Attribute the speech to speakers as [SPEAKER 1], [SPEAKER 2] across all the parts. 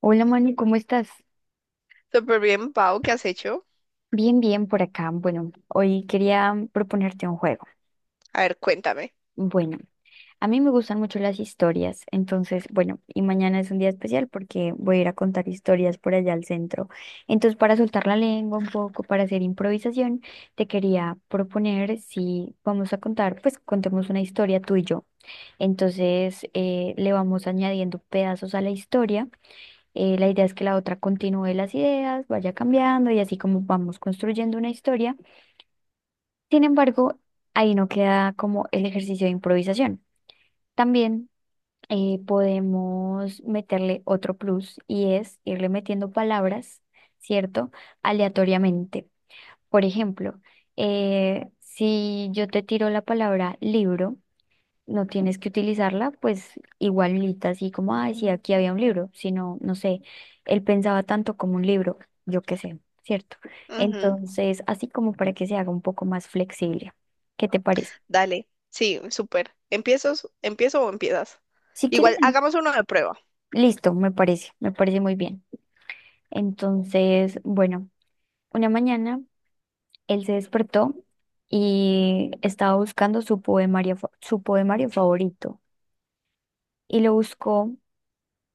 [SPEAKER 1] Hola Manu, ¿cómo estás?
[SPEAKER 2] Súper bien, Pau, ¿qué has hecho?
[SPEAKER 1] Bien, bien por acá. Bueno, hoy quería proponerte un juego.
[SPEAKER 2] A ver, cuéntame.
[SPEAKER 1] Bueno, a mí me gustan mucho las historias, entonces, bueno, y mañana es un día especial porque voy a ir a contar historias por allá al centro. Entonces, para soltar la lengua un poco, para hacer improvisación, te quería proponer si vamos a contar, pues contemos una historia tú y yo. Entonces, le vamos añadiendo pedazos a la historia. La idea es que la otra continúe las ideas, vaya cambiando y así como vamos construyendo una historia. Sin embargo, ahí no queda como el ejercicio de improvisación. También podemos meterle otro plus y es irle metiendo palabras, ¿cierto? Aleatoriamente. Por ejemplo, si yo te tiro la palabra libro, no tienes que utilizarla, pues igualita, así como, ay, sí, aquí había un libro, sino, no sé, él pensaba tanto como un libro, yo qué sé, ¿cierto?
[SPEAKER 2] Ujú.
[SPEAKER 1] Entonces, así como para que se haga un poco más flexible. ¿Qué te parece?
[SPEAKER 2] Dale, sí, súper. ¿Empiezo, empiezo o empiezas?
[SPEAKER 1] Si quieres,
[SPEAKER 2] Igual, hagamos uno de prueba.
[SPEAKER 1] listo, me parece muy bien. Entonces, bueno, una mañana él se despertó y estaba buscando su poemario, su poemario favorito y lo buscó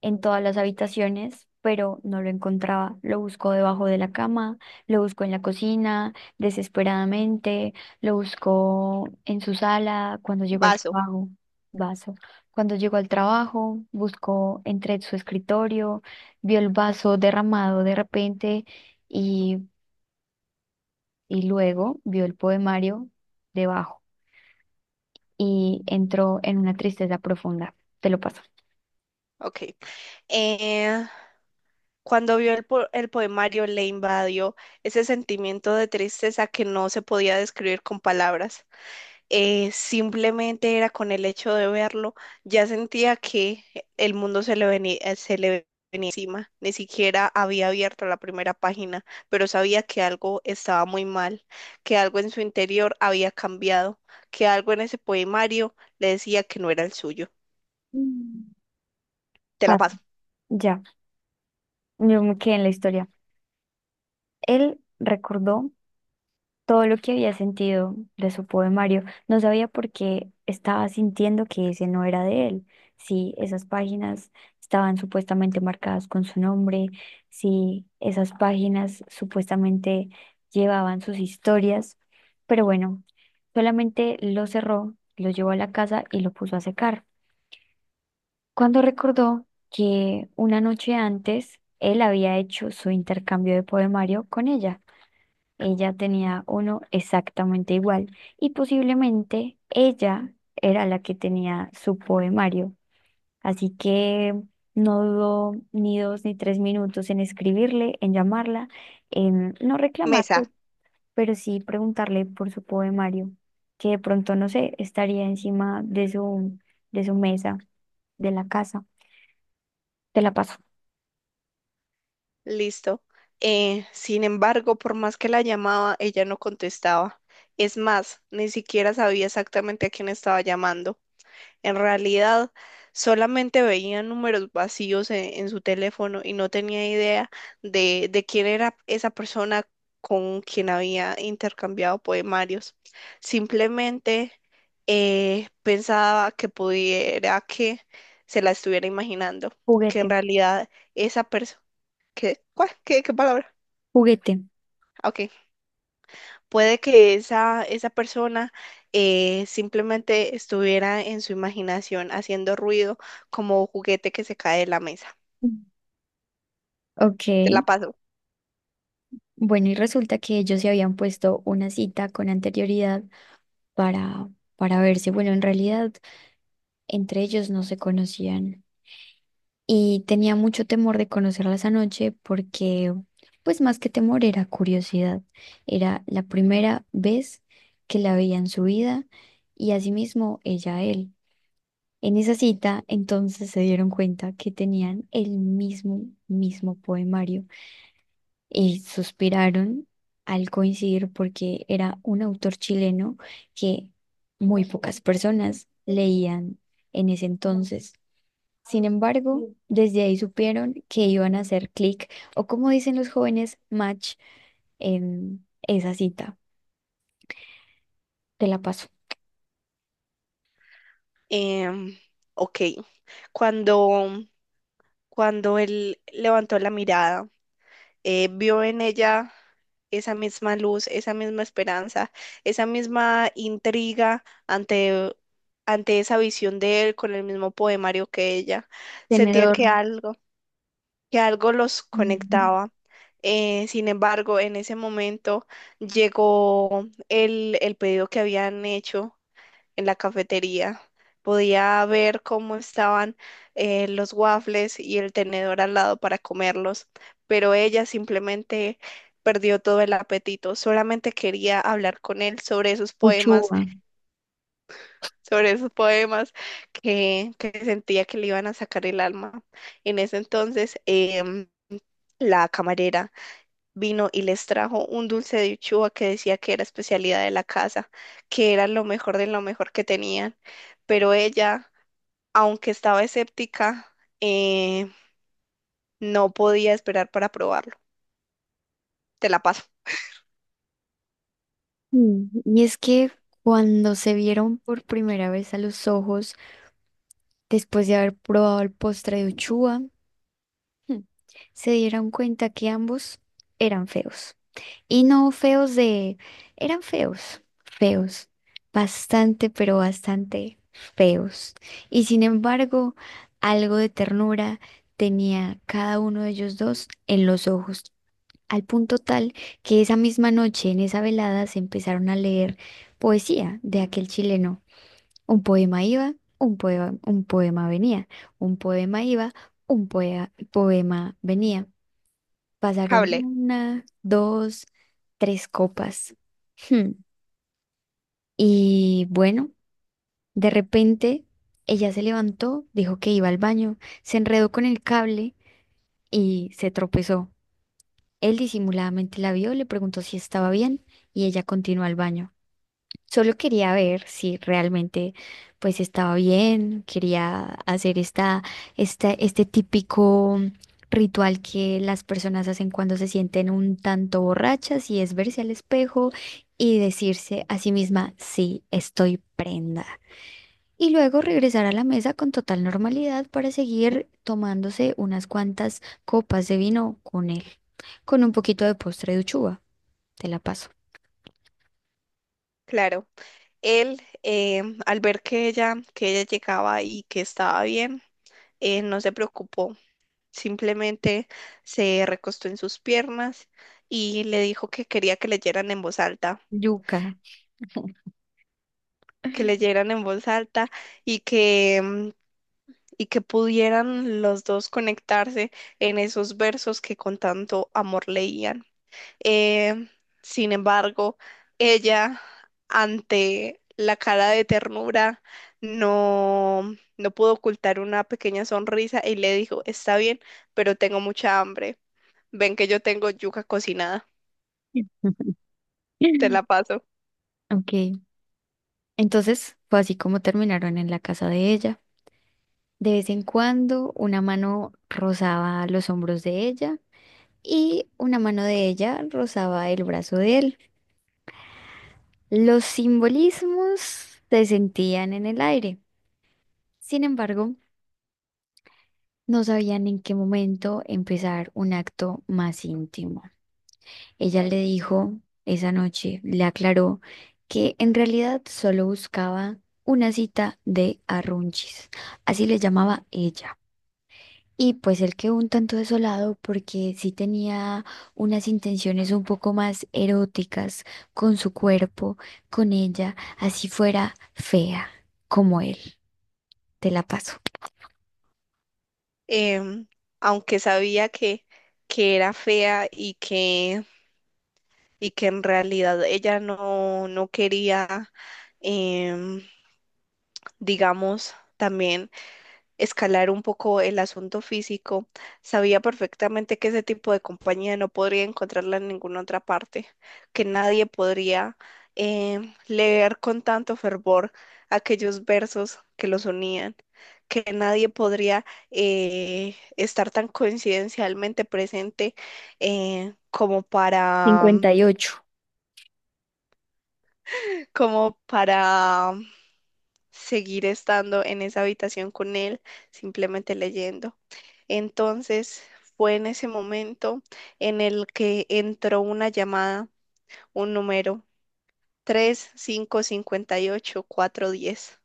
[SPEAKER 1] en todas las habitaciones, pero no lo encontraba. Lo buscó debajo de la cama, lo buscó en la cocina, desesperadamente, lo buscó en su sala cuando llegó al
[SPEAKER 2] Vaso.
[SPEAKER 1] trabajo. Vaso. Cuando llegó al trabajo, buscó entre su escritorio, vio el vaso derramado de repente y, y luego vio el poemario debajo y entró en una tristeza profunda. Te lo paso.
[SPEAKER 2] Ok. Eh, Cuando vio el poemario, le invadió ese sentimiento de tristeza que no se podía describir con palabras. Simplemente era con el hecho de verlo, ya sentía que el mundo se le venía encima. Ni siquiera había abierto la primera página, pero sabía que algo estaba muy mal, que algo en su interior había cambiado, que algo en ese poemario le decía que no era el suyo.
[SPEAKER 1] Mm.
[SPEAKER 2] Te la
[SPEAKER 1] Paso,
[SPEAKER 2] paso.
[SPEAKER 1] ya. Yo me quedé en la historia. Él recordó todo lo que había sentido de su poemario. No sabía por qué estaba sintiendo que ese no era de él. Si esas páginas estaban supuestamente marcadas con su nombre, si esas páginas supuestamente llevaban sus historias. Pero bueno, solamente lo cerró, lo llevó a la casa y lo puso a secar. Cuando recordó que una noche antes él había hecho su intercambio de poemario con ella, ella tenía uno exactamente igual y posiblemente ella era la que tenía su poemario. Así que no dudó ni dos ni tres minutos en escribirle, en llamarla, en no reclamar,
[SPEAKER 2] Mesa,
[SPEAKER 1] pero sí preguntarle por su poemario, que de pronto, no sé, estaría encima de su mesa, de la casa. Te la paso.
[SPEAKER 2] listo. Sin embargo, por más que la llamaba, ella no contestaba. Es más, ni siquiera sabía exactamente a quién estaba llamando. En realidad, solamente veía números vacíos en su teléfono y no tenía idea de quién era esa persona con quien había intercambiado poemarios. Simplemente pensaba que pudiera que se la estuviera imaginando, que en
[SPEAKER 1] Juguete,
[SPEAKER 2] realidad esa persona... ¿Qué? ¿Cuál? Qué palabra?
[SPEAKER 1] juguete.
[SPEAKER 2] Ah, ok. Puede que esa persona simplemente estuviera en su imaginación haciendo ruido como juguete que se cae de la mesa.
[SPEAKER 1] Mm. Ok.
[SPEAKER 2] Te la paso.
[SPEAKER 1] Bueno, y resulta que ellos se habían puesto una cita con anterioridad para, para verse. Bueno, en realidad entre ellos no se conocían y tenía mucho temor de conocerla esa noche porque, pues más que temor, era curiosidad. Era la primera vez que la veía en su vida y asimismo ella a él. En esa cita, entonces se dieron cuenta que tenían el mismo poemario. Y suspiraron al coincidir porque era un autor chileno que muy pocas personas leían en ese entonces. Sin embargo, desde ahí supieron que iban a hacer clic o como dicen los jóvenes, match en esa cita. Te la paso.
[SPEAKER 2] Em, ok. Cuando, cuando él levantó la mirada, vio en ella esa misma luz, esa misma esperanza, esa misma intriga ante esa visión de él con el mismo poemario que ella. Sentía
[SPEAKER 1] Tenedor.
[SPEAKER 2] que algo los
[SPEAKER 1] Ujú.
[SPEAKER 2] conectaba. Sin embargo, en ese momento llegó el pedido que habían hecho en la cafetería. Podía ver cómo estaban los waffles y el tenedor al lado para comerlos, pero ella simplemente perdió todo el apetito. Solamente quería hablar con él sobre esos poemas,
[SPEAKER 1] Uchuva.
[SPEAKER 2] sobre esos poemas que sentía que le iban a sacar el alma. En ese entonces, la camarera vino y les trajo un dulce de uchuva que decía que era especialidad de la casa, que era lo mejor de lo mejor que tenían. Pero ella, aunque estaba escéptica, eh, no podía esperar para probarlo. Te la paso.
[SPEAKER 1] Mm, y es que cuando se vieron por primera vez a los ojos, después de haber probado el postre de Uchuva, Hmm, se dieron cuenta que ambos eran feos. Y no feos de... eran feos, feos, bastante, pero bastante feos. Y sin embargo, algo de ternura tenía cada uno de ellos dos en los ojos, al punto tal que esa misma noche, en esa velada, se empezaron a leer poesía de aquel chileno. Un poema iba, un poema venía, un poema iba, poema venía. Pasaron
[SPEAKER 2] Cable,
[SPEAKER 1] una, dos, tres copas. Hmm. Y bueno, de repente ella se levantó, dijo que iba al baño, se enredó con el cable y se tropezó. Él disimuladamente la vio, le preguntó si estaba bien y ella continuó al baño. Solo quería ver si realmente pues estaba bien, quería hacer este típico ritual que las personas hacen cuando se sienten un tanto borrachas y es verse al espejo y decirse a sí misma, sí, estoy prenda. Y luego regresar a la mesa con total normalidad para seguir tomándose unas cuantas copas de vino con él, con un poquito de postre de uchuva. Te la paso.
[SPEAKER 2] claro. Él, al ver que que ella llegaba y que estaba bien, no se preocupó. Simplemente se recostó en sus piernas y le dijo que quería que leyeran en voz alta,
[SPEAKER 1] Yuca.
[SPEAKER 2] que leyeran en voz alta y que, y que pudieran los dos conectarse en esos versos que con tanto amor leían. Eh, sin embargo, ella, ante la cara de ternura, no pudo ocultar una pequeña sonrisa y le dijo, está bien, pero tengo mucha hambre. Ven que yo tengo yuca cocinada, te la paso.
[SPEAKER 1] Ok, entonces fue así como terminaron en la casa de ella. De vez en cuando una mano rozaba los hombros de ella y una mano de ella rozaba el brazo de él. Los simbolismos se sentían en el aire. Sin embargo, no sabían en qué momento empezar un acto más íntimo. Ella le dijo esa noche, le aclaró que en realidad solo buscaba una cita de arrunchis, así le llamaba ella. Y pues él quedó un tanto desolado porque sí tenía unas intenciones un poco más eróticas con su cuerpo, con ella, así fuera fea como él. Te la paso.
[SPEAKER 2] Em, aunque sabía que era fea y que en realidad ella no, no quería, em, digamos, también, escalar un poco el asunto físico. Sabía perfectamente que ese tipo de compañía no podría encontrarla en ninguna otra parte, que nadie podría leer con tanto fervor aquellos versos que los unían, que nadie podría estar tan coincidencialmente presente como para,
[SPEAKER 1] 58.
[SPEAKER 2] como para seguir estando en esa habitación con él, simplemente leyendo. Entonces fue en ese momento en el que entró una llamada, un número 3 5 58 4 10.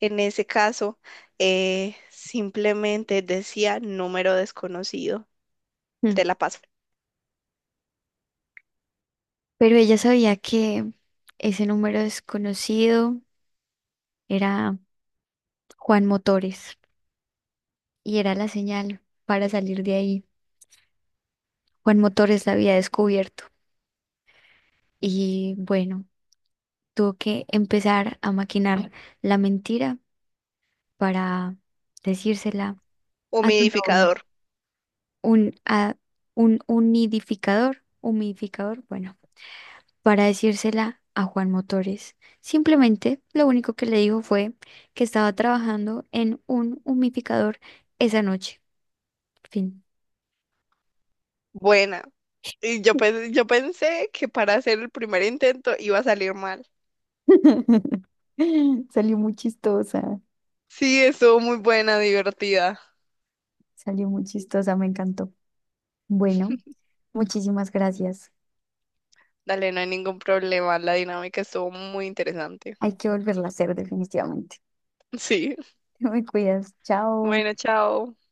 [SPEAKER 2] En ese caso, simplemente decía número desconocido,
[SPEAKER 1] Mm.
[SPEAKER 2] te la paso.
[SPEAKER 1] Pero ella sabía que ese número desconocido era Juan Motores. Y era la señal para salir de ahí. Juan Motores la había descubierto y bueno, tuvo que empezar a maquinar la mentira para decírsela a su novio,
[SPEAKER 2] Humidificador,
[SPEAKER 1] un, a, un unidificador, humidificador, bueno, para decírsela a Juan Motores. Simplemente lo único que le dijo fue que estaba trabajando en un humidificador esa noche. Fin.
[SPEAKER 2] buena. Y yo, yo pensé que para hacer el primer intento iba a salir mal.
[SPEAKER 1] Salió muy chistosa.
[SPEAKER 2] Sí, estuvo muy buena, divertida.
[SPEAKER 1] Salió muy chistosa, me encantó. Bueno, muchísimas gracias.
[SPEAKER 2] Dale, no hay ningún problema. La dinámica estuvo muy interesante.
[SPEAKER 1] Hay que volverla a hacer definitivamente.
[SPEAKER 2] Sí.
[SPEAKER 1] Te me cuidas. Chao.
[SPEAKER 2] Bueno, chao.